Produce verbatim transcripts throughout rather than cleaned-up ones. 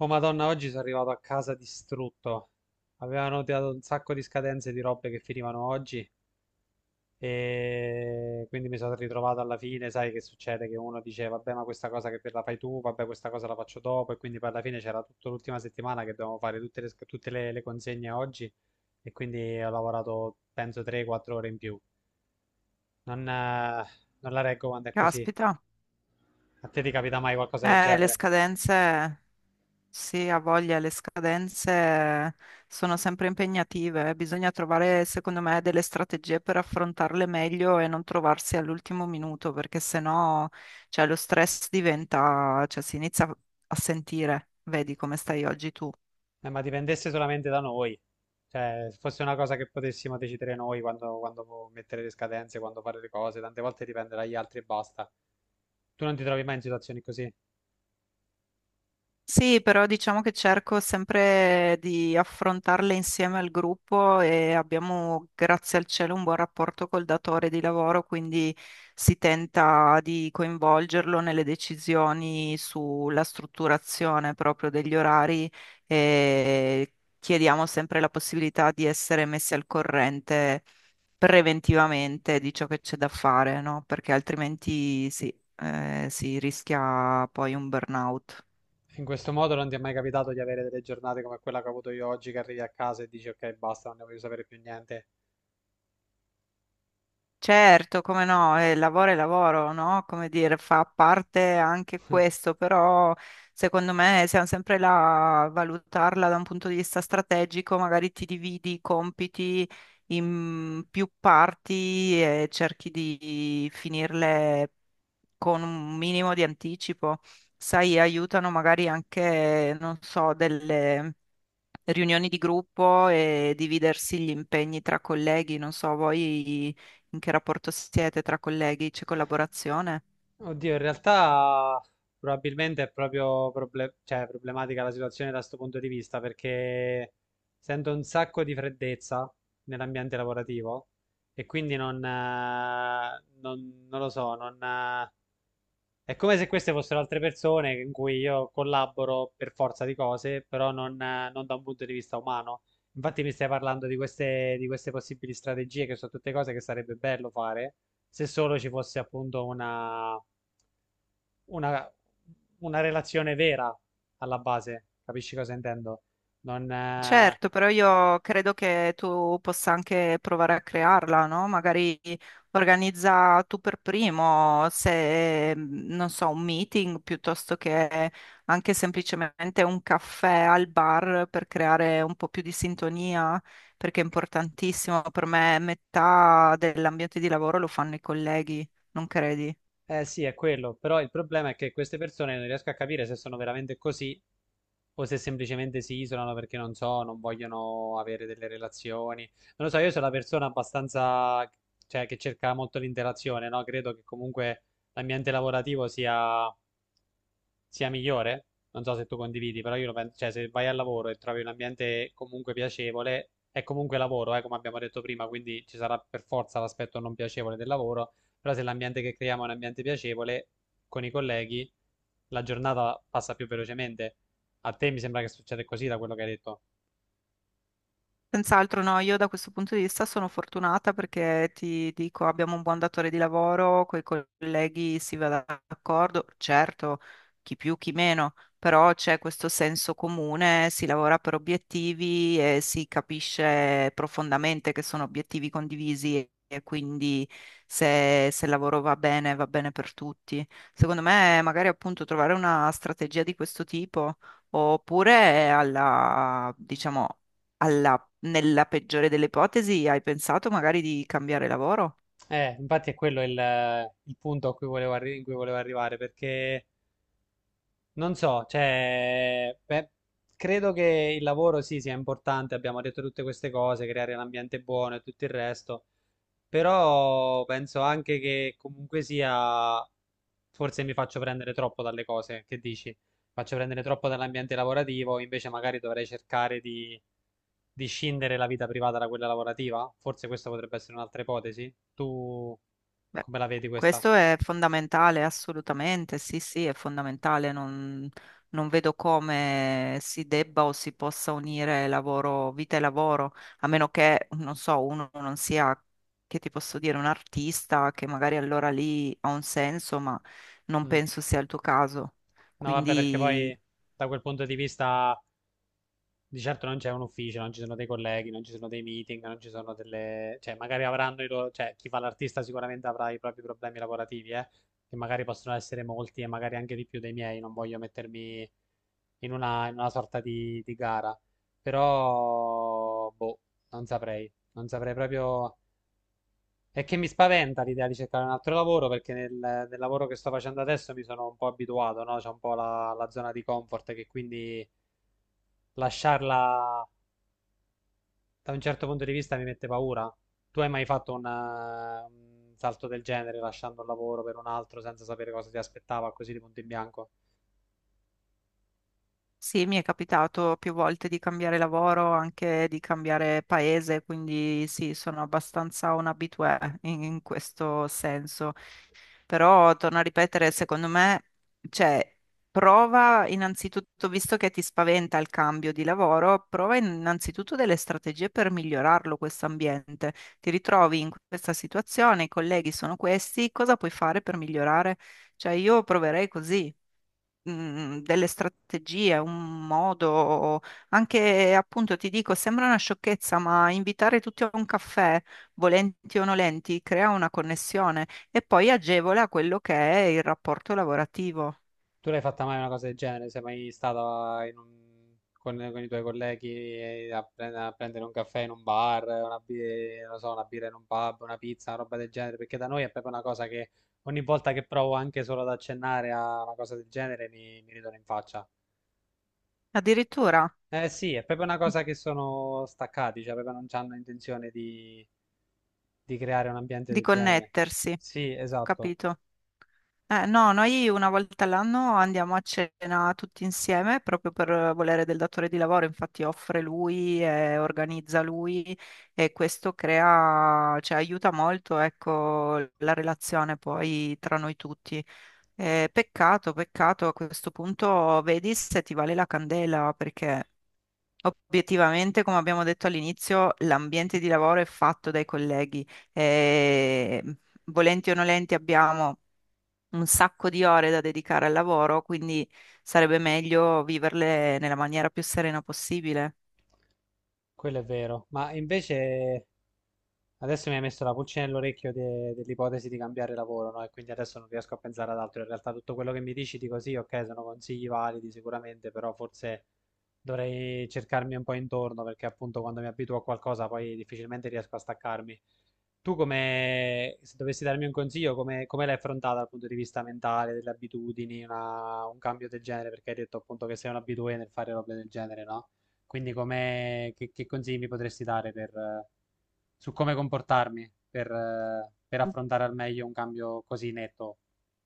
Oh Madonna, oggi sono arrivato a casa distrutto. Avevano tirato un sacco di scadenze di robe che finivano oggi e quindi mi sono ritrovato alla fine, sai che succede? Che uno dice vabbè ma questa cosa che la fai tu, vabbè questa cosa la faccio dopo e quindi poi alla fine c'era tutta l'ultima settimana che dovevamo fare tutte le, sc- tutte le- le consegne oggi e quindi ho lavorato penso tre quattro ore in più. Non, eh, non la reggo quando è così. Caspita, A te ti capita mai qualcosa del eh, le genere? scadenze, sì, ha voglia, le scadenze sono sempre impegnative, eh. Bisogna trovare, secondo me, delle strategie per affrontarle meglio e non trovarsi all'ultimo minuto, perché sennò, cioè, lo stress diventa, cioè, si inizia a sentire, vedi come stai oggi tu. Eh, ma dipendesse solamente da noi, cioè se fosse una cosa che potessimo decidere noi quando, quando mettere le scadenze, quando fare le cose, tante volte dipende dagli altri e basta. Tu non ti trovi mai in situazioni così. Sì, però diciamo che cerco sempre di affrontarle insieme al gruppo e abbiamo, grazie al cielo, un buon rapporto col datore di lavoro, quindi si tenta di coinvolgerlo nelle decisioni sulla strutturazione proprio degli orari e chiediamo sempre la possibilità di essere messi al corrente preventivamente di ciò che c'è da fare, no? Perché altrimenti sì, eh, si rischia poi un burnout. In questo modo non ti è mai capitato di avere delle giornate come quella che ho avuto io oggi, che arrivi a casa e dici ok, basta, non ne voglio sapere più niente. Certo, come no, eh, lavoro è lavoro, no? Come dire, fa parte anche questo, però secondo me siamo sempre là a valutarla da un punto di vista strategico, magari ti dividi i compiti in più parti e cerchi di finirle con un minimo di anticipo. Sai, aiutano magari anche, non so, delle riunioni di gruppo e dividersi gli impegni tra colleghi. Non so, voi in che rapporto siete tra colleghi? C'è collaborazione? Oddio, in realtà probabilmente è proprio proble- cioè, problematica la situazione da questo punto di vista perché sento un sacco di freddezza nell'ambiente lavorativo e quindi non, eh, non- non lo so, non, eh, è come se queste fossero altre persone in cui io collaboro per forza di cose, però non, eh, non da un punto di vista umano. Infatti mi stai parlando di queste, di queste possibili strategie che sono tutte cose che sarebbe bello fare se solo ci fosse appunto una una, una relazione vera alla base, capisci cosa intendo? Non, eh, Certo, però io credo che tu possa anche provare a crearla, no? Magari organizza tu per primo, se mh, non so, un meeting piuttosto che anche semplicemente un caffè al bar per creare un po' più di sintonia, perché è importantissimo. Per me metà dell'ambiente di lavoro lo fanno i colleghi, non credi? eh sì, è quello, però il problema è che queste persone non riesco a capire se sono veramente così o se semplicemente si isolano perché non so, non vogliono avere delle relazioni. Non lo so, io sono una persona abbastanza, cioè, che cerca molto l'interazione, no? Credo che comunque l'ambiente lavorativo sia sia migliore. Non so se tu condividi, però io lo penso, cioè se vai al lavoro e trovi un ambiente comunque piacevole, è comunque lavoro, eh, come abbiamo detto prima, quindi ci sarà per forza l'aspetto non piacevole del lavoro, però se l'ambiente che creiamo è un ambiente piacevole con i colleghi, la giornata passa più velocemente. A te mi sembra che succeda così da quello che hai detto. Senz'altro no, io da questo punto di vista sono fortunata perché ti dico, abbiamo un buon datore di lavoro, coi colleghi si va d'accordo, certo, chi più, chi meno, però c'è questo senso comune, si lavora per obiettivi e si capisce profondamente che sono obiettivi condivisi e quindi se, se il lavoro va bene, va bene per tutti. Secondo me, magari appunto trovare una strategia di questo tipo oppure alla, diciamo, alla nella peggiore delle ipotesi, hai pensato magari di cambiare lavoro? Eh, infatti è quello il, il punto a cui volevo arri- in cui volevo arrivare, perché non so, cioè, beh, credo che il lavoro sì sia importante, abbiamo detto tutte queste cose, creare l'ambiente buono e tutto il resto, però penso anche che comunque sia, forse mi faccio prendere troppo dalle cose, che dici? Faccio prendere troppo dall'ambiente lavorativo, invece magari dovrei cercare di, di, scindere la vita privata da quella lavorativa? Forse questa potrebbe essere un'altra ipotesi. Tu Beh, come la vedi questa? questo è fondamentale, assolutamente, sì, sì, è fondamentale. Non, non vedo come si debba o si possa unire lavoro, vita e lavoro, a meno che, non so, uno non sia, che ti posso dire, un artista, che magari allora lì ha un senso, ma non Mm. penso sia il tuo caso. No, vabbè, perché Quindi... poi da quel punto di vista di certo non c'è un ufficio, non ci sono dei colleghi, non ci sono dei meeting, non ci sono delle. Cioè, magari avranno i loro. Cioè, chi fa l'artista sicuramente avrà i propri problemi lavorativi, eh, che magari possono essere molti e magari anche di più dei miei. Non voglio mettermi in una, in una, sorta di, di gara. Però, boh, non saprei. Non saprei proprio. È che mi spaventa l'idea di cercare un altro lavoro perché nel, nel, lavoro che sto facendo adesso mi sono un po' abituato, no? C'è un po' la, la zona di comfort che quindi lasciarla da un certo punto di vista mi mette paura. Tu hai mai fatto un, eh, un salto del genere, lasciando un lavoro per un altro senza sapere cosa ti aspettava, così di punto in bianco? Sì, mi è capitato più volte di cambiare lavoro, anche di cambiare paese, quindi sì, sono abbastanza un habitué in, in questo senso. Però, torno a ripetere, secondo me, cioè, prova innanzitutto, visto che ti spaventa il cambio di lavoro, prova innanzitutto delle strategie per migliorarlo questo ambiente. Ti ritrovi in questa situazione, i colleghi sono questi, cosa puoi fare per migliorare? Cioè, io proverei così mh, delle strategie, un modo, anche appunto ti dico, sembra una sciocchezza, ma invitare tutti a un caffè, volenti o nolenti, crea una connessione e poi agevola quello che è il rapporto lavorativo, Tu l'hai fatta mai una cosa del genere? Sei mai stata in un- con, con i tuoi colleghi eh, a, pre- a prendere un caffè in un bar, una, bi- non so, una birra in un pub, una pizza, una roba del genere? Perché da noi è proprio una cosa che ogni volta che provo anche solo ad accennare a una cosa del genere mi, mi ridono in faccia. addirittura Eh sì, è proprio una cosa che sono staccati, cioè proprio non hanno intenzione di, di creare un ambiente di del genere. connettersi, Sì, esatto, capito? Eh, no, noi una volta all'anno andiamo a cena tutti insieme proprio per volere del datore di lavoro, infatti offre lui e organizza lui e questo crea, cioè aiuta molto, ecco, la relazione poi tra noi tutti. Eh, peccato, peccato, a questo punto vedi se ti vale la candela perché obiettivamente, come abbiamo detto all'inizio, l'ambiente di lavoro è fatto dai colleghi e volenti o nolenti abbiamo un sacco di ore da dedicare al lavoro, quindi sarebbe meglio viverle nella maniera più serena possibile. quello è vero. Ma invece adesso mi hai messo la pulce nell'orecchio de- dell'ipotesi di cambiare lavoro, no? E quindi adesso non riesco a pensare ad altro. In realtà tutto quello che mi dici dico sì, ok, sono consigli validi sicuramente, però forse dovrei cercarmi un po' intorno perché appunto quando mi abituo a qualcosa poi difficilmente riesco a staccarmi. Tu come, se dovessi darmi un consiglio, come, come l'hai affrontata dal punto di vista mentale, delle abitudini, una- un cambio del genere? Perché hai detto appunto che sei un abitué nel fare robe del genere, no? Quindi come, che, che consigli mi potresti dare per... eh, su come comportarmi per, eh, per affrontare al meglio un cambio così netto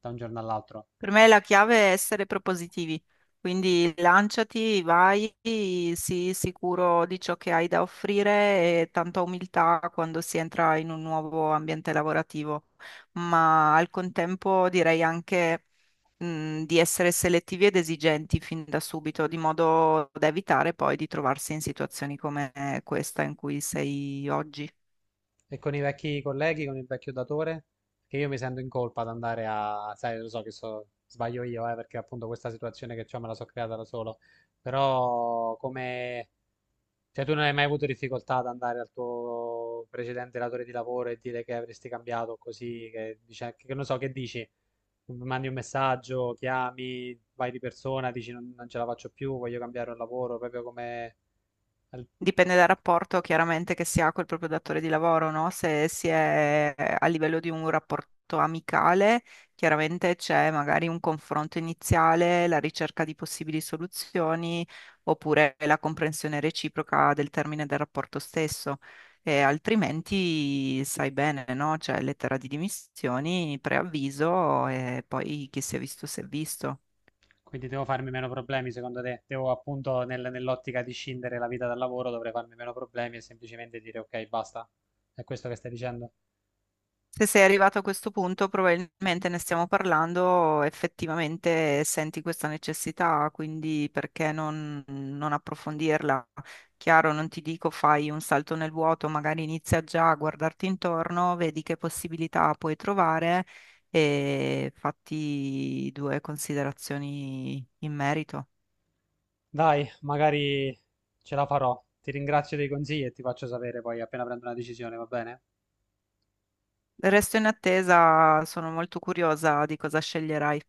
da un giorno all'altro. Per me la chiave è essere propositivi, quindi lanciati, vai, sii sicuro di ciò che hai da offrire e tanta umiltà quando si entra in un nuovo ambiente lavorativo, ma al contempo direi anche mh, di essere selettivi ed esigenti fin da subito, di modo da evitare poi di trovarsi in situazioni come questa in cui sei oggi. E con i vecchi colleghi, con il vecchio datore, che io mi sento in colpa ad andare a, sai, lo so che so, sbaglio io, eh, perché appunto questa situazione che ho me la so creata da solo, però come, cioè, tu non hai mai avuto difficoltà ad andare al tuo precedente datore di lavoro e dire che avresti cambiato così, che, dice, che non so, che dici? Mandi un messaggio, chiami, vai di persona, dici non, non ce la faccio più, voglio cambiare un lavoro, proprio come al- Dipende dal rapporto chiaramente che si ha col proprio datore di lavoro, no? Se si è a livello di un rapporto amicale, chiaramente c'è magari un confronto iniziale, la ricerca di possibili soluzioni, oppure la comprensione reciproca del termine del rapporto stesso. E altrimenti sai bene, no? C'è lettera di dimissioni, preavviso e poi chi si è visto si è visto. Quindi devo farmi meno problemi, secondo te? Devo appunto nel- nell'ottica di scindere la vita dal lavoro, dovrei farmi meno problemi e semplicemente dire ok, basta. È questo che stai dicendo? Se sei arrivato a questo punto, probabilmente ne stiamo parlando, effettivamente senti questa necessità, quindi perché non, non approfondirla? Chiaro, non ti dico fai un salto nel vuoto, magari inizia già a guardarti intorno, vedi che possibilità puoi trovare e fatti due considerazioni in merito. Dai, magari ce la farò. Ti ringrazio dei consigli e ti faccio sapere poi appena prendo una decisione, va bene? Resto in attesa, sono molto curiosa di cosa sceglierai.